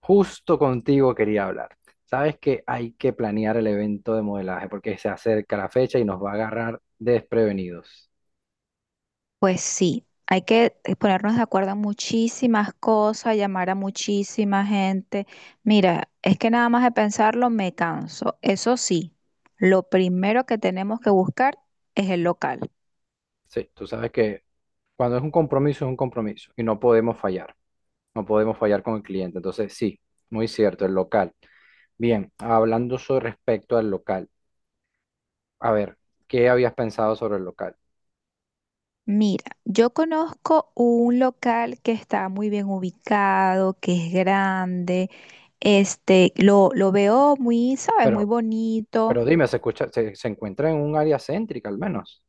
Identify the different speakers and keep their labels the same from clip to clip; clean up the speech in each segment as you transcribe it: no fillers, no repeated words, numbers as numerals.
Speaker 1: Justo contigo quería hablar. Sabes que hay que planear el evento de modelaje porque se acerca la fecha y nos va a agarrar desprevenidos.
Speaker 2: Pues sí, hay que ponernos de acuerdo en muchísimas cosas, llamar a muchísima gente. Mira, es que nada más de pensarlo me canso. Eso sí, lo primero que tenemos que buscar es el local.
Speaker 1: Sí, tú sabes que cuando es un compromiso y no podemos fallar. No podemos fallar con el cliente. Entonces, sí, muy cierto, el local. Bien, hablando sobre respecto al local. A ver, ¿qué habías pensado sobre el local?
Speaker 2: Mira, yo conozco un local que está muy bien ubicado, que es grande, lo veo muy, ¿sabes? Muy
Speaker 1: Pero,
Speaker 2: bonito.
Speaker 1: pero dime, se escucha, se encuentra en un área céntrica al menos.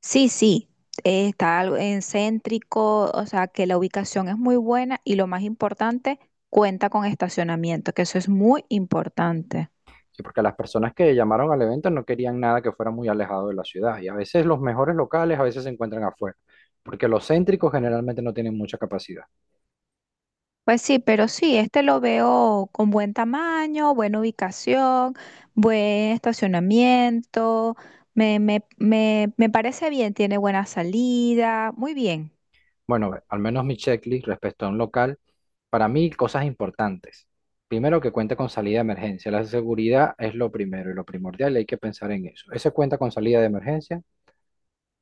Speaker 2: Sí, sí, está algo en céntrico, o sea que la ubicación es muy buena y lo más importante, cuenta con estacionamiento, que eso es muy importante.
Speaker 1: Sí, porque las personas que llamaron al evento no querían nada que fuera muy alejado de la ciudad. Y a veces los mejores locales a veces se encuentran afuera, porque los céntricos generalmente no tienen mucha capacidad.
Speaker 2: Pues sí, pero sí, lo veo con buen tamaño, buena ubicación, buen estacionamiento, me parece bien, tiene buena salida, muy bien.
Speaker 1: Bueno, ve, al menos mi checklist respecto a un local, para mí cosas importantes. Primero, que cuente con salida de emergencia. La seguridad es lo primero y lo primordial y hay que pensar en eso. ¿Ese cuenta con salida de emergencia?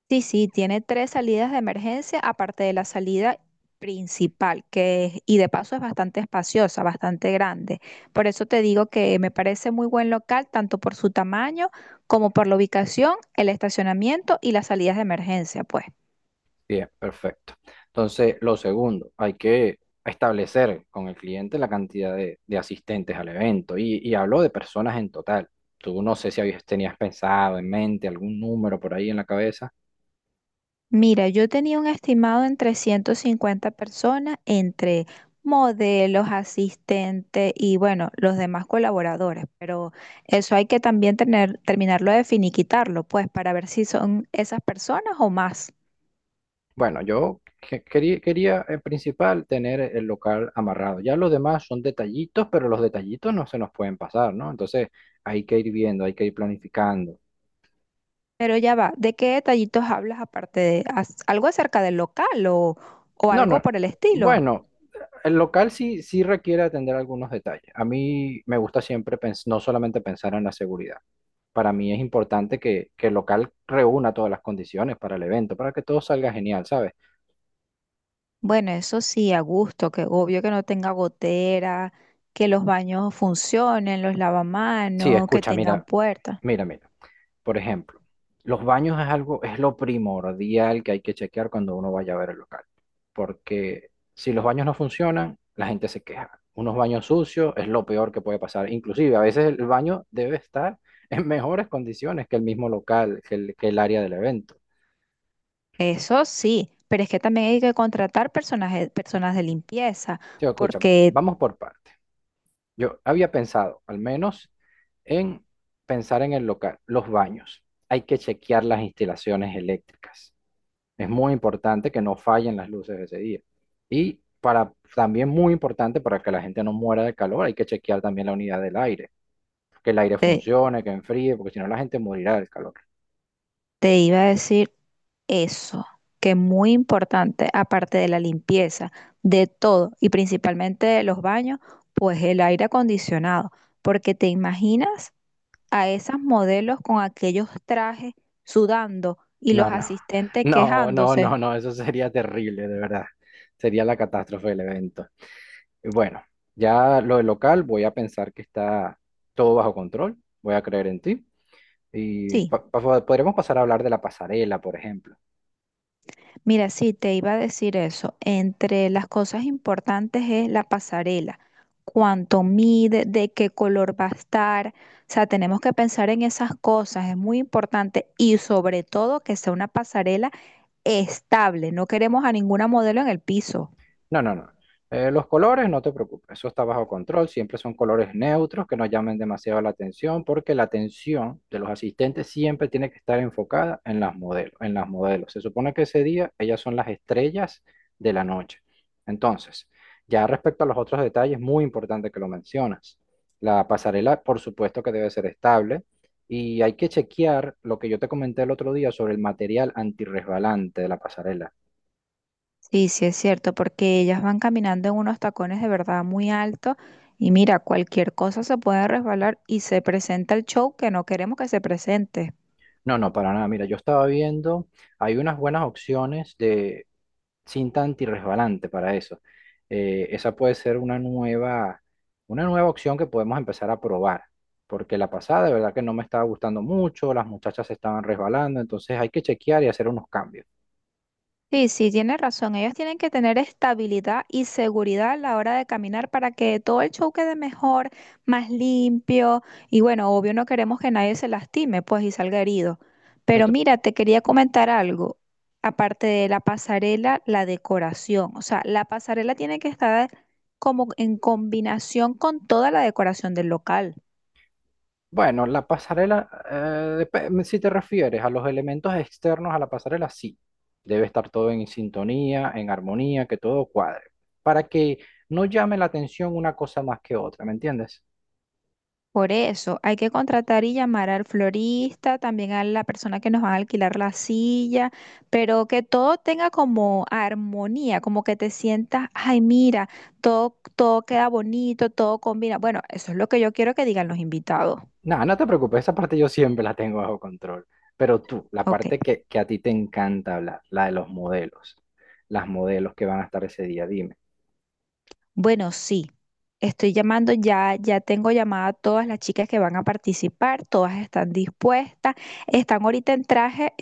Speaker 2: Sí, sí, tiene tres salidas de emergencia, aparte de la salida principal, que y de paso es bastante espaciosa, bastante grande. Por eso te digo que me parece muy buen local, tanto por su tamaño como por la ubicación, el estacionamiento y las salidas de emergencia, pues.
Speaker 1: Bien, perfecto. Entonces, lo segundo, hay que establecer con el cliente la cantidad de asistentes al evento y hablo de personas en total. Tú no sé si habías, tenías pensado en mente algún número por ahí en la cabeza.
Speaker 2: Mira, yo tenía un estimado entre 50 personas, entre modelos, asistentes y bueno, los demás colaboradores, pero eso hay que también tener, terminarlo de finiquitarlo, pues, para ver si son esas personas o más.
Speaker 1: Bueno, yo quería en principal tener el local amarrado. Ya los demás son detallitos, pero los detallitos no se nos pueden pasar, ¿no? Entonces, hay que ir viendo, hay que ir planificando.
Speaker 2: Pero ya va, ¿de qué detallitos hablas aparte de algo acerca del local o
Speaker 1: No,
Speaker 2: algo
Speaker 1: no.
Speaker 2: por el estilo?
Speaker 1: Bueno, el local sí, sí requiere atender algunos detalles. A mí me gusta siempre no solamente pensar en la seguridad. Para mí es importante que el local reúna todas las condiciones para el evento, para que todo salga genial, ¿sabes?
Speaker 2: Bueno, eso sí, a gusto, que obvio que no tenga gotera, que los baños funcionen, los
Speaker 1: Sí,
Speaker 2: lavamanos, que
Speaker 1: escucha,
Speaker 2: tengan
Speaker 1: mira,
Speaker 2: puertas.
Speaker 1: mira, mira. Por ejemplo, los baños es algo, es lo primordial que hay que chequear cuando uno vaya a ver el local, porque si los baños no funcionan, la gente se queja. Unos baños sucios es lo peor que puede pasar. Inclusive, a veces el baño debe estar en mejores condiciones que el mismo local, que el área del evento.
Speaker 2: Eso sí, pero es que también hay que contratar personas, personas de limpieza,
Speaker 1: Tío, escucha,
Speaker 2: porque
Speaker 1: vamos por partes. Yo había pensado, al menos, en pensar en el local, los baños. Hay que chequear las instalaciones eléctricas. Es muy importante que no fallen las luces ese día. Y para, también muy importante para que la gente no muera de calor, hay que chequear también la unidad del aire, que el aire
Speaker 2: te,
Speaker 1: funcione, que enfríe, porque si no la gente morirá del calor.
Speaker 2: te iba a decir eso, que es muy importante, aparte de la limpieza, de todo, y principalmente de los baños, pues el aire acondicionado, porque te imaginas a esas modelos con aquellos trajes sudando y los
Speaker 1: No, no,
Speaker 2: asistentes
Speaker 1: no, no, no,
Speaker 2: quejándose.
Speaker 1: no, eso sería terrible, de verdad. Sería la catástrofe del evento. Y bueno, ya lo del local, voy a pensar que está todo bajo control, voy a creer en ti. Y
Speaker 2: Sí.
Speaker 1: podremos pasar a hablar de la pasarela, por ejemplo.
Speaker 2: Mira, sí, te iba a decir eso. Entre las cosas importantes es la pasarela, cuánto mide, de qué color va a estar. O sea, tenemos que pensar en esas cosas, es muy importante y sobre todo que sea una pasarela estable. No queremos a ninguna modelo en el piso.
Speaker 1: No, no, no. Los colores, no te preocupes, eso está bajo control. Siempre son colores neutros que no llamen demasiado la atención, porque la atención de los asistentes siempre tiene que estar enfocada en las modelos, en las modelos. Se supone que ese día ellas son las estrellas de la noche. Entonces, ya respecto a los otros detalles, muy importante que lo mencionas. La pasarela, por supuesto que debe ser estable y hay que chequear lo que yo te comenté el otro día sobre el material antirresbalante de la pasarela.
Speaker 2: Sí, sí es cierto, porque ellas van caminando en unos tacones de verdad muy altos y mira, cualquier cosa se puede resbalar y se presenta el show que no queremos que se presente.
Speaker 1: No, no, para nada. Mira, yo estaba viendo, hay unas buenas opciones de cinta antirresbalante para eso. Esa puede ser una nueva opción que podemos empezar a probar, porque la pasada de verdad que no me estaba gustando mucho, las muchachas se estaban resbalando, entonces hay que chequear y hacer unos cambios.
Speaker 2: Sí, sí, tienes razón. Ellos tienen que tener estabilidad y seguridad a la hora de caminar para que todo el show quede mejor, más limpio. Y bueno, obvio no queremos que nadie se lastime, pues, y salga herido.
Speaker 1: ¿No
Speaker 2: Pero
Speaker 1: te-
Speaker 2: mira, te quería comentar algo. Aparte de la pasarela, la decoración. O sea, la pasarela tiene que estar como en combinación con toda la decoración del local.
Speaker 1: Bueno, la pasarela, si te refieres a los elementos externos a la pasarela, sí. Debe estar todo en sintonía, en armonía, que todo cuadre, para que no llame la atención una cosa más que otra, ¿me entiendes?
Speaker 2: Por eso hay que contratar y llamar al florista, también a la persona que nos va a alquilar la silla, pero que todo tenga como armonía, como que te sientas, ay, mira, todo, todo queda bonito, todo combina. Bueno, eso es lo que yo quiero que digan los invitados.
Speaker 1: Nada, no te preocupes, esa parte yo siempre la tengo bajo control. Pero tú, la
Speaker 2: Ok,
Speaker 1: parte que a ti te encanta hablar, la de los modelos, las modelos que van a estar ese día, dime.
Speaker 2: bueno, sí. Estoy llamando ya, ya tengo llamada a todas las chicas que van a participar, todas están dispuestas, están ahorita en traje,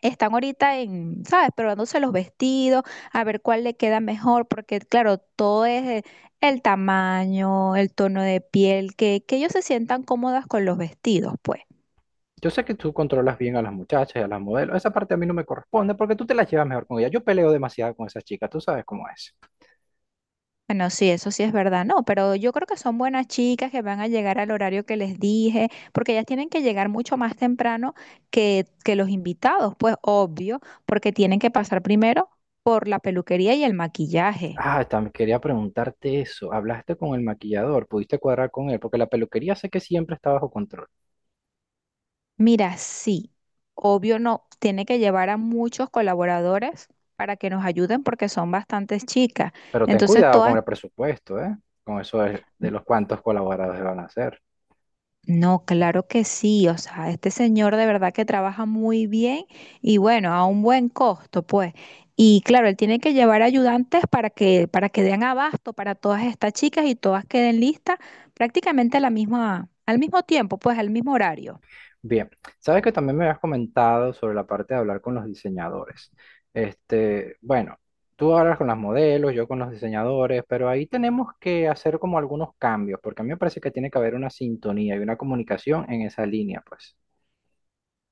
Speaker 2: están ahorita en, ¿sabes? Probándose los vestidos, a ver cuál le queda mejor, porque claro, todo es el tamaño, el tono de piel, que ellos se sientan cómodas con los vestidos, pues.
Speaker 1: Yo sé que tú controlas bien a las muchachas y a las modelos, esa parte a mí no me corresponde porque tú te las llevas mejor con ellas. Yo peleo demasiado con esas chicas, tú sabes cómo es.
Speaker 2: Bueno, sí, eso sí es verdad, no, pero yo creo que son buenas chicas que van a llegar al horario que les dije, porque ellas tienen que llegar mucho más temprano que los invitados, pues obvio, porque tienen que pasar primero por la peluquería y el maquillaje.
Speaker 1: Ah, también quería preguntarte eso. ¿Hablaste con el maquillador? ¿Pudiste cuadrar con él? Porque la peluquería sé que siempre está bajo control.
Speaker 2: Mira, sí, obvio no, tiene que llevar a muchos colaboradores para que nos ayuden porque son bastantes chicas.
Speaker 1: Pero ten
Speaker 2: Entonces,
Speaker 1: cuidado con
Speaker 2: todas,
Speaker 1: el presupuesto, ¿eh? Con eso de los cuantos colaboradores van a hacer.
Speaker 2: no, claro que sí, o sea, este señor de verdad que trabaja muy bien y bueno, a un buen costo, pues. Y claro, él tiene que llevar ayudantes para que den abasto para todas estas chicas y todas queden listas prácticamente a la misma, al mismo tiempo, pues al mismo horario.
Speaker 1: Bien, sabes que también me habías comentado sobre la parte de hablar con los diseñadores. Este, bueno, tú hablas con las modelos, yo con los diseñadores, pero ahí tenemos que hacer como algunos cambios, porque a mí me parece que tiene que haber una sintonía y una comunicación en esa línea, pues.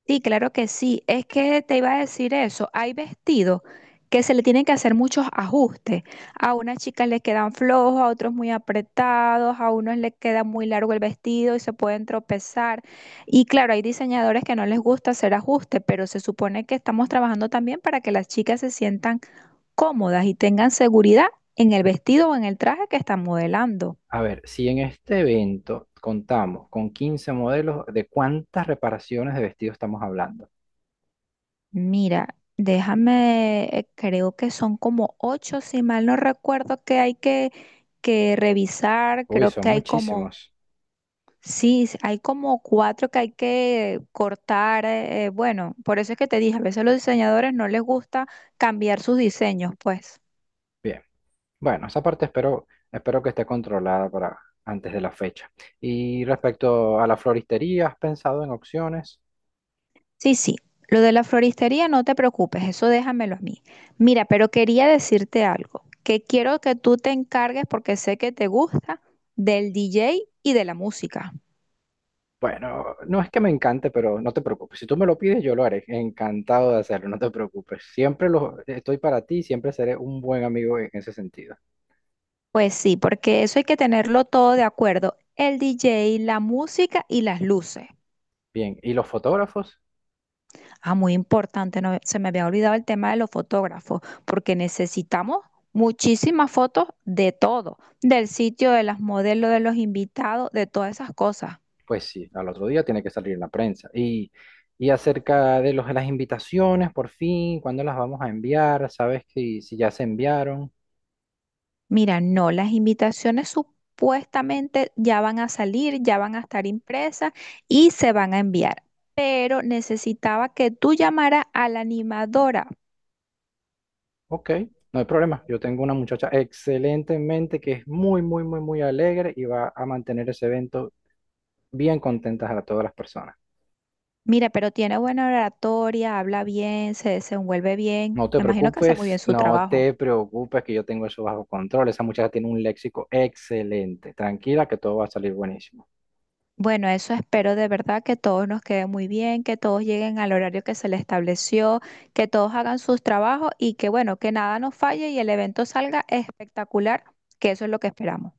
Speaker 2: Sí, claro que sí. Es que te iba a decir eso. Hay vestidos que se le tienen que hacer muchos ajustes. A unas chicas les quedan flojos, a otros muy apretados, a unos les queda muy largo el vestido y se pueden tropezar. Y claro, hay diseñadores que no les gusta hacer ajustes, pero se supone que estamos trabajando también para que las chicas se sientan cómodas y tengan seguridad en el vestido o en el traje que están modelando.
Speaker 1: A ver, si en este evento contamos con 15 modelos, ¿de cuántas reparaciones de vestido estamos hablando?
Speaker 2: Mira, déjame, creo que son como ocho, si mal no recuerdo, que hay que revisar.
Speaker 1: Uy,
Speaker 2: Creo
Speaker 1: son
Speaker 2: que hay como,
Speaker 1: muchísimos.
Speaker 2: sí, hay como cuatro que hay que cortar. Bueno, por eso es que te dije, a veces a los diseñadores no les gusta cambiar sus diseños, pues.
Speaker 1: Bien. Bueno, esa parte espero, espero que esté controlada para antes de la fecha. Y respecto a la floristería, ¿has pensado en opciones?
Speaker 2: Sí, sí, lo de la floristería no te preocupes, eso déjamelo a mí. Mira, pero quería decirte algo, que quiero que tú te encargues, porque sé que te gusta, del DJ y de la música.
Speaker 1: Bueno, no es que me encante, pero no te preocupes. Si tú me lo pides, yo lo haré. Encantado de hacerlo, no te preocupes. Siempre lo, estoy para ti, siempre seré un buen amigo en ese sentido.
Speaker 2: Pues sí, porque eso hay que tenerlo todo de acuerdo. El DJ, la música y las luces.
Speaker 1: Bien, ¿y los fotógrafos?
Speaker 2: Ah, muy importante, no, se me había olvidado el tema de los fotógrafos, porque necesitamos muchísimas fotos de todo, del sitio, de las modelos, de los invitados, de todas esas cosas.
Speaker 1: Pues sí, al otro día tiene que salir en la prensa. Y acerca de de las invitaciones, por fin, ¿cuándo las vamos a enviar? ¿Sabes que, si ya se enviaron?
Speaker 2: Mira, no, las invitaciones supuestamente ya van a salir, ya van a estar impresas y se van a enviar pero necesitaba que tú llamaras a la animadora.
Speaker 1: Ok, no hay problema. Yo tengo una muchacha excelente en mente que es muy, muy, muy, muy alegre y va a mantener ese evento bien contentas a todas las personas.
Speaker 2: Mira, pero tiene buena oratoria, habla bien, se desenvuelve bien.
Speaker 1: No te
Speaker 2: Me imagino que hace muy bien
Speaker 1: preocupes,
Speaker 2: su
Speaker 1: no
Speaker 2: trabajo.
Speaker 1: te preocupes que yo tengo eso bajo control. Esa muchacha tiene un léxico excelente. Tranquila que todo va a salir buenísimo.
Speaker 2: Bueno, eso espero de verdad que todos nos quede muy bien, que todos lleguen al horario que se les estableció, que todos hagan sus trabajos y que bueno, que nada nos falle y el evento salga espectacular, que eso es lo que esperamos.